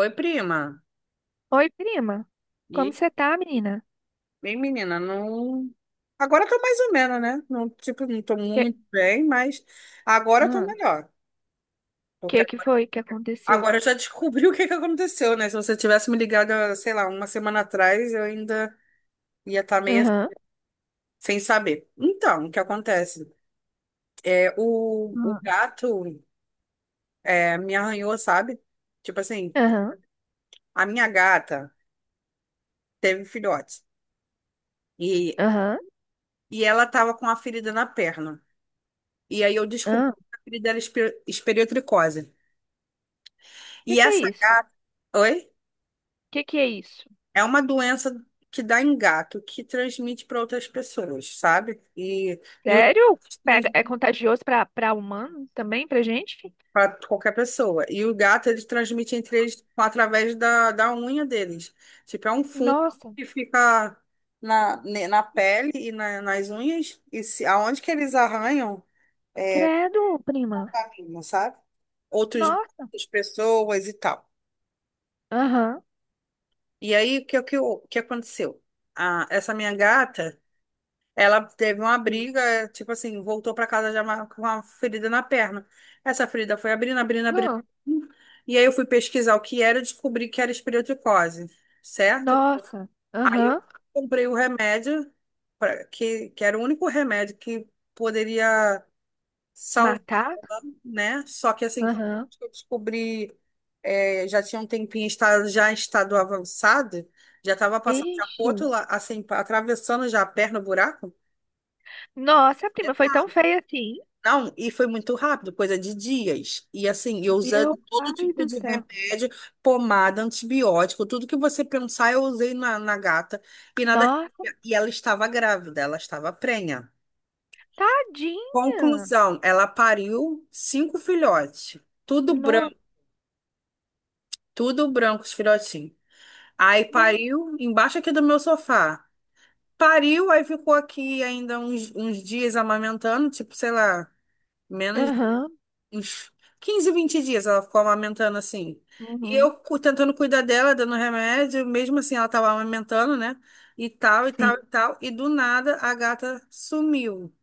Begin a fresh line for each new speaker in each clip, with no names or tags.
Oi, prima.
Oi, prima. Como
E,
você tá, menina?
bem, menina, não. Agora tô mais ou menos, né? Não, tipo, não tô
Que...
muito bem, mas agora eu tô
Hã?
melhor.
que
Porque
que foi que aconteceu?
agora eu já descobri o que que aconteceu, né? Se você tivesse me ligado, sei lá, uma semana atrás, eu ainda ia estar meio
Aham.
sem saber. Então, o que acontece? É, o
Ah,
gato me arranhou, sabe? Tipo assim,
aham,
a minha gata teve filhote. E,
aham,
e ela tava com a ferida na perna. E aí eu descobri
aham.
que o apelido dela é esperiotricose. E
Que é
essa,
isso?
oi?
Que é isso?
É uma doença que dá em gato, que transmite para outras pessoas, sabe? E os
Sério? Pega,
gatos
é contagioso pra, pra humano também, pra gente?
para qualquer pessoa. E o gato, eles transmitem entre eles através da unha deles. Tipo, é um fungo
Nossa,
que fica na pele e nas unhas. E se, aonde que eles arranham, é,
credo, prima.
sabe? Outros
Nossa,
gatos, pessoas e tal.
aham.
E aí, o que aconteceu? Essa minha gata, ela teve uma
Sim.
briga, tipo assim, voltou para casa já com uma ferida na perna. Essa ferida foi abrindo, abrindo, abrindo.
Hã?
E aí eu fui pesquisar o que era e descobri que era esporotricose, certo?
Nossa,
Aí eu
aham.
comprei o remédio, que era o único remédio que poderia,
Matar?
né? Só que assim,
Aham.
que eu descobri, já tinha um tempinho, está, já em estado avançado, já estava passando já pro
Ixi.
outro lado, assim, atravessando já a perna, o buraco.
Nossa,
Já
prima, foi
tá.
tão feia assim.
Não, e foi muito rápido, coisa de dias. E assim, eu usando
Meu
todo
pai
tipo
do
de
céu.
remédio, pomada, antibiótico, tudo que você pensar, eu usei na gata. E nada.
Nossa,
E ela estava grávida, ela estava prenha.
tadinha.
Conclusão, ela pariu cinco filhotes, tudo
Não,
branco. Tudo branco, os filhotinhos. Aí
não.
pariu embaixo aqui do meu sofá. Pariu, aí ficou aqui ainda uns dias amamentando, tipo, sei lá, menos
Aham,
uns 15, 20 dias ela ficou amamentando assim. E
uhum,
eu tentando cuidar dela, dando remédio, mesmo assim ela tava amamentando, né? E tal, e tal,
sim.
e tal. E do nada a gata sumiu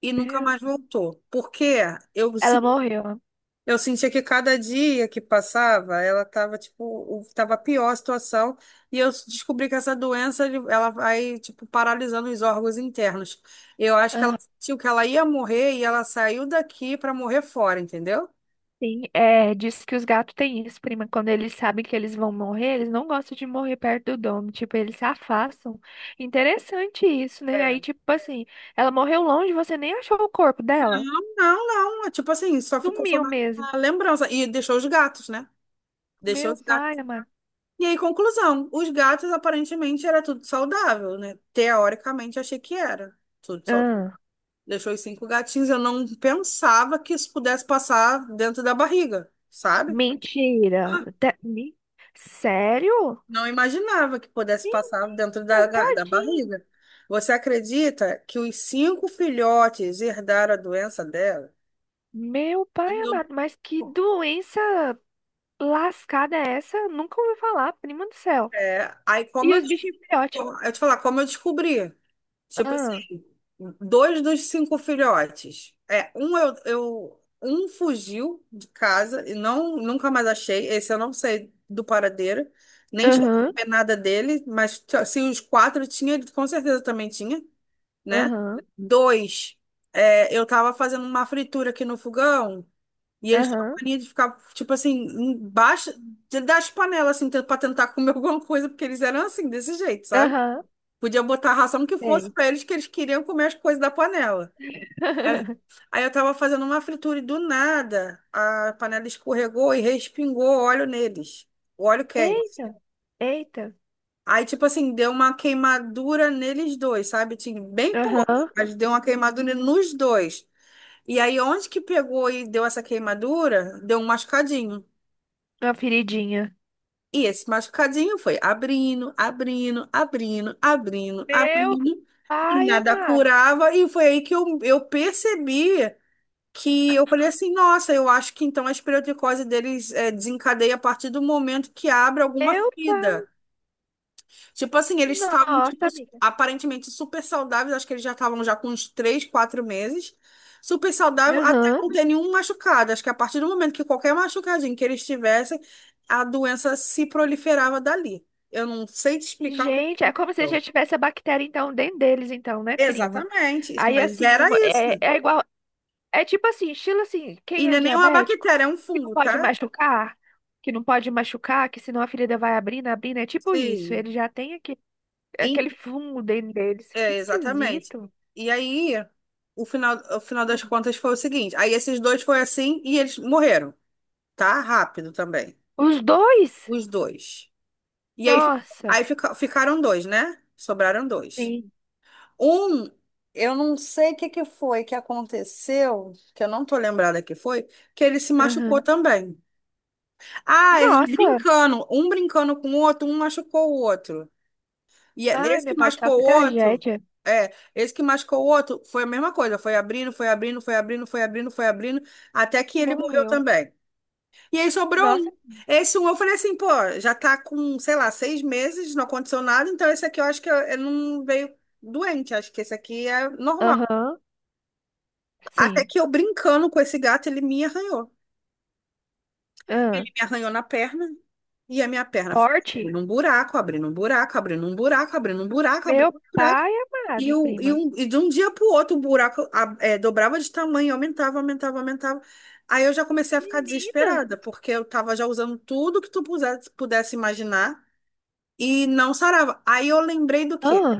e nunca
Meu
mais
Deus,
voltou. Porque eu
ela morreu.
Eu sentia que cada dia que passava, ela tava, tipo, tava pior a situação, e eu descobri que essa doença, ela vai, tipo, paralisando os órgãos internos. Eu acho que ela
Aham,
sentiu que ela ia morrer e ela saiu daqui para morrer fora, entendeu?
sim. É, diz que os gatos têm isso, prima. Quando eles sabem que eles vão morrer, eles não gostam de morrer perto do domo. Tipo, eles se afastam. Interessante isso, né?
É.
Aí, tipo assim, ela morreu longe, você nem achou o corpo dela.
Não, não, é tipo assim, só ficou só
Sumiu
na
mesmo.
na lembrança, e deixou os gatos, né? Deixou
Meu
os gatos.
pai amado.
E aí, conclusão, os gatos aparentemente era tudo saudável, né? Teoricamente, achei que era tudo saudável.
Ah,
Deixou os cinco gatinhos. Eu não pensava que isso pudesse passar dentro da barriga, sabe? Ah,
mentira. Sério?
não imaginava que pudesse passar dentro
Menina,
da
tadinho.
barriga. Você acredita que os cinco filhotes herdaram a doença dela?
Meu
E
pai
eu,
amado, mas que doença lascada é essa? Nunca ouvi falar, prima do céu.
aí como
E
eu,
os bichinhos filhote?
eu te falar, como eu descobri? Tipo
Ah,
assim, dois dos cinco filhotes. É, um eu um fugiu de casa e não nunca mais achei. Esse eu não sei do paradeiro, nem cheguei
aham,
a ver nada dele, mas se os quatro tinha, ele com certeza também tinha, né?
aham,
Dois, eu tava fazendo uma fritura aqui no fogão e eles tinham
aham,
mania de ficar, tipo assim, embaixo das panelas, assim, pra tentar comer alguma coisa, porque eles eram assim, desse jeito, sabe?
aham.
Podia botar a ração que fosse
Sei.
pra eles, que eles queriam comer as coisas da panela. É. Aí eu tava fazendo uma fritura e do nada a panela escorregou e respingou óleo neles. O óleo quente.
Eita, eita.
Aí, tipo assim, deu uma queimadura neles dois, sabe? Tinha bem pouco,
Aham,
mas deu uma queimadura nos dois. E aí, onde que pegou e deu essa queimadura, deu um machucadinho.
uma feridinha.
E esse machucadinho foi abrindo, abrindo, abrindo, abrindo,
Meu
abrindo, e
pai
nada
amado.
curava. E foi aí que eu percebi que eu falei assim: nossa, eu acho que então a espeleoticose deles desencadeia a partir do momento que abre alguma
Meu pai.
ferida. Tipo assim, eles estavam tipo,
Nossa, amiga.
aparentemente super saudáveis, acho que eles já estavam já com uns 3, 4 meses. Super saudável até
Aham.
não ter nenhum machucado. Acho que a partir do momento que qualquer machucadinho que eles tivessem, a doença se proliferava dali. Eu não sei te explicar o que
Gente, é como se já
aconteceu.
tivesse a bactéria, então, dentro deles, então, né, prima?
Exatamente,
Aí,
mas
assim,
era isso.
é, é igual. É tipo assim, estilo assim, quem
E não
é
é nenhuma
diabético,
bactéria, é um
que não
fungo,
pode
tá?
machucar, que não pode machucar, que senão a ferida vai abrindo, abrindo, é tipo isso.
Sim.
Ele já tem aquele
E-
fungo dentro deles. Que
é, exatamente.
esquisito.
E aí, o final das contas foi o seguinte: aí esses dois foi assim e eles morreram. Tá rápido também.
Os dois?
Os dois. E aí,
Nossa.
aí ficaram dois, né? Sobraram dois.
Sim.
Um, eu não sei o que que foi que aconteceu, que eu não tô lembrada que foi, que ele se machucou
Aham.
também. Ah, eles
Nossa.
brincando, um brincando com o outro, um machucou o outro. E
Ai,
esse
meu
que
pai do céu,
machucou
que
o outro,
tragédia.
esse que machucou o outro foi a mesma coisa, foi abrindo, foi abrindo, foi abrindo, foi abrindo, foi abrindo, até que ele morreu
Morreu.
também. E aí sobrou um.
Nossa.
Esse um eu falei assim, pô, já tá com, sei lá, 6 meses, não aconteceu nada, então esse aqui eu acho que eu não veio doente, acho que esse aqui é normal.
Aham.
Até
Sim.
que eu brincando com esse gato, ele me arranhou.
Aham.
Ele me arranhou na perna e a minha perna foi
Forte?
abrindo um buraco, abrindo um buraco, abrindo um buraco, abrindo um buraco, abrindo
Meu
um buraco.
pai
E,
amado,
o, e,
prima.
um, e de um dia para o outro o buraco dobrava de tamanho, aumentava, aumentava, aumentava. Aí eu já comecei a ficar
Menina.
desesperada, porque eu estava já usando tudo que tu pudesse imaginar e não sarava. Aí eu lembrei do quê?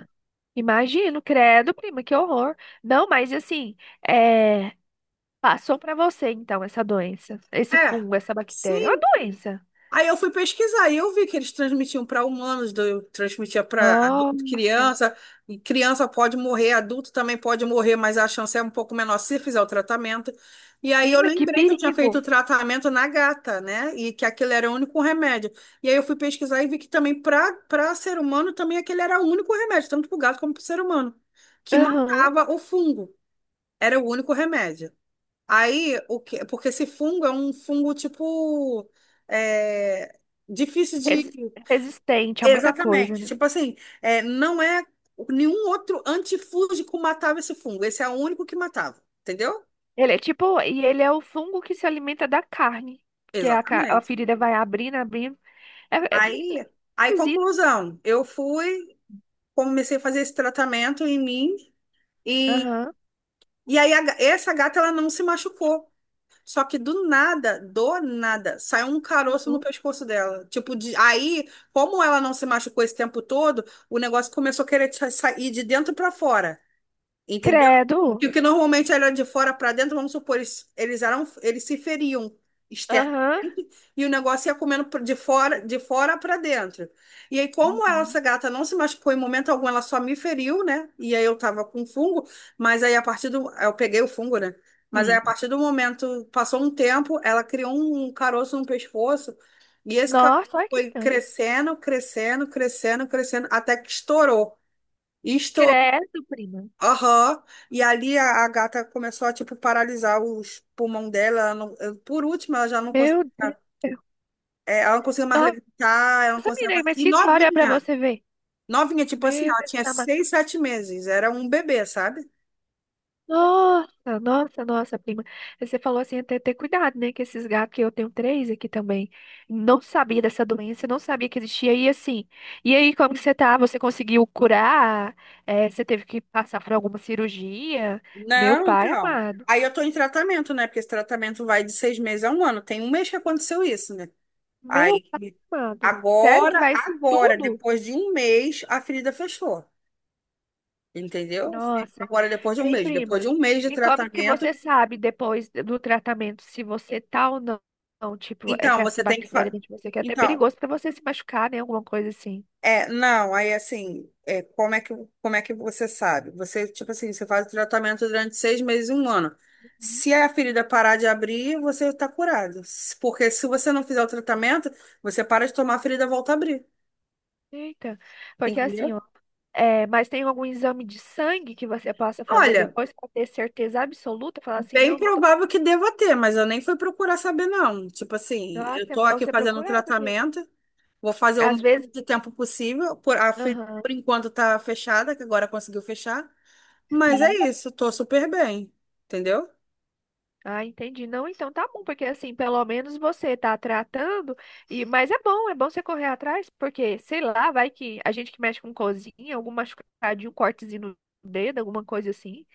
Imagino, credo, prima, que horror. Não, mas assim, é, passou pra você então essa doença, esse
É,
fungo, essa bactéria. É uma
sim.
doença.
Aí eu fui pesquisar e eu vi que eles transmitiam para humanos, transmitia para adulto,
Nossa,
criança, e criança pode morrer, adulto também pode morrer, mas a chance é um pouco menor se fizer o tratamento. E aí eu
prima, que
lembrei que eu tinha feito o
perigo.
tratamento na gata, né? E que aquele era o único remédio. E aí eu fui pesquisar e vi que também para ser humano também aquele era o único remédio, tanto para o gato como para o ser humano, que
Aham.
matava o fungo. Era o único remédio. Aí, o que, porque esse fungo é um fungo tipo é, difícil de.
Resi- Resistente a muita coisa,
Exatamente.
né?
Tipo assim, é, não é. Nenhum outro antifúngico matava esse fungo. Esse é o único que matava, entendeu?
Ele é tipo, e ele é o fungo que se alimenta da carne, que é a, a
Exatamente.
ferida vai abrindo, abrindo. É, é menina,
Aí, aí,
esquisito.
conclusão, eu fui, comecei a fazer esse tratamento em mim e,
Aham.
e aí a essa gata ela não se machucou. Só que do nada, saiu um caroço no
Uhum.
pescoço dela. Tipo, aí, como ela não se machucou esse tempo todo, o negócio começou a querer sair de dentro pra fora. Entendeu que
Credo.
o que normalmente era de fora para dentro, vamos supor, eles eram, eles se feriam externamente
Aham.
e o negócio ia comendo de fora para dentro. E aí, como ela,
Uhum.
essa gata não se machucou em momento algum, ela só me feriu, né? E aí eu tava com fungo, mas aí a partir do. Eu peguei o fungo, né? Mas aí a
Sim.
partir do momento, passou um tempo, ela criou um caroço no pescoço e esse caroço
Nossa, olha que
foi
estranho.
crescendo, crescendo, crescendo, crescendo, até que estourou. Estourou.
Credo, prima.
Aham. E ali a gata começou a, tipo, paralisar os pulmão dela. Ela não- eu- Por último, ela já não conseguia,
Meu Deus.
ela não conseguia mais
Nossa,
levantar, ela não conseguia
menina,
mais...
mas
E
que história pra
novinha,
você ver.
novinha, tipo assim,
Meu
ela
Deus,
tinha 6, 7 meses, era um bebê, sabe?
nossa, nossa, nossa, prima. Você falou assim, até ter cuidado, né? Que esses gatos, que eu tenho 3 aqui também, não sabia dessa doença, não sabia que existia. E assim, e aí, como que você tá? Você conseguiu curar? É, você teve que passar por alguma cirurgia? Meu
Não,
pai
então.
amado.
Aí eu tô em tratamento, né? Porque esse tratamento vai de 6 meses a um ano. Tem um mês que aconteceu isso, né?
Meu
Aí,
pai amado. Sério que
agora,
vai isso
agora,
tudo?
depois de um mês, a ferida fechou, entendeu?
Nossa.
Agora, depois de um
Ei,
mês, depois
prima,
de um mês de
e como que
tratamento,
você sabe depois do tratamento se você tá ou não, não, tipo, é que
então,
essa
você tem que
bactéria dentro de você, que é até
Então,
perigoso pra você se machucar, né? Alguma coisa assim.
não, aí assim, é, como é que você sabe? Você, tipo assim, você faz o tratamento durante 6 meses, um ano.
Uhum.
Se a ferida parar de abrir, você está curado. Porque se você não fizer o tratamento, você para de tomar, a ferida volta a abrir.
Eita, porque assim,
Entendeu?
ó, é, mas tem algum exame de sangue que você possa fazer
Olha,
depois pra ter certeza absoluta? Falar assim,
bem
não, não tô.
provável que deva ter, mas eu nem fui procurar saber, não. Tipo assim,
Nossa,
eu
é
tô
bom
aqui
você
fazendo o
procurar, porque
tratamento, vou fazer o
às
máximo
vezes.
de tempo possível,
Aham,
por enquanto tá fechada, que agora conseguiu fechar. Mas
sim.
é isso, tô super bem, entendeu?
Ah, entendi. Não, então tá bom, porque assim, pelo menos você tá tratando, e mas é bom você correr atrás, porque sei lá, vai que a gente que mexe com cozinha, algum machucadinho, um cortezinho no dedo, alguma coisa assim,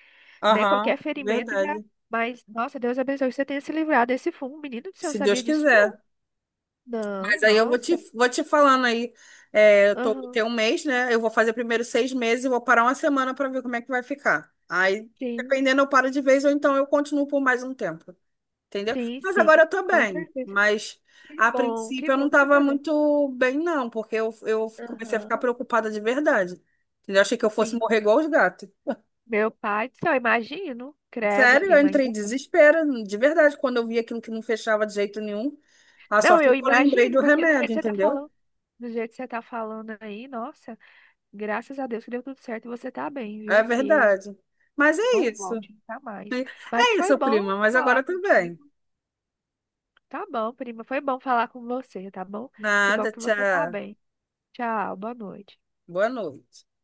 né?
Aham.
Qualquer ferimento já.
Verdade.
Mas, nossa, Deus abençoe que você tenha se livrado desse fumo, menino do céu, eu
Se Deus
sabia disso
quiser.
não. Não,
Mas aí eu vou te,
nossa.
vou te falando aí. É, eu tô, tem um
Aham.
mês, né? Eu vou fazer primeiro 6 meses e vou parar uma semana para ver como é que vai ficar. Aí,
Sim,
dependendo, eu paro de vez ou então eu continuo por mais um tempo. Entendeu? Mas agora
sim.
eu tô
Com
bem.
certeza.
Mas
Que
a
bom, que
princípio eu não
bom que você
tava
tá bem.
muito bem, não, porque eu comecei a ficar
Aham.
preocupada de verdade. Entendeu? Achei que eu fosse
Sim.
morrer igual os gatos.
Meu pai do céu, imagino. Credo,
Sério, eu
prima,
entrei em
ainda.
desespero, de verdade, quando eu vi aquilo que não fechava de jeito nenhum. A
Não,
sorte é
eu
que eu lembrei
imagino,
do
porque do jeito
remédio,
que você tá
entendeu?
falando, do jeito que você tá falando aí, nossa, graças a Deus que deu tudo certo e você tá bem,
É
viu? Que
verdade. Mas
isso
é
não
isso.
volte nunca mais. Mas
É isso,
foi
prima,
bom
mas agora eu
falar
tô bem.
contigo. Tá bom, prima, foi bom falar com você, tá bom? Que bom
Nada,
que você tá
tchau.
bem. Tchau, boa noite.
Boa noite.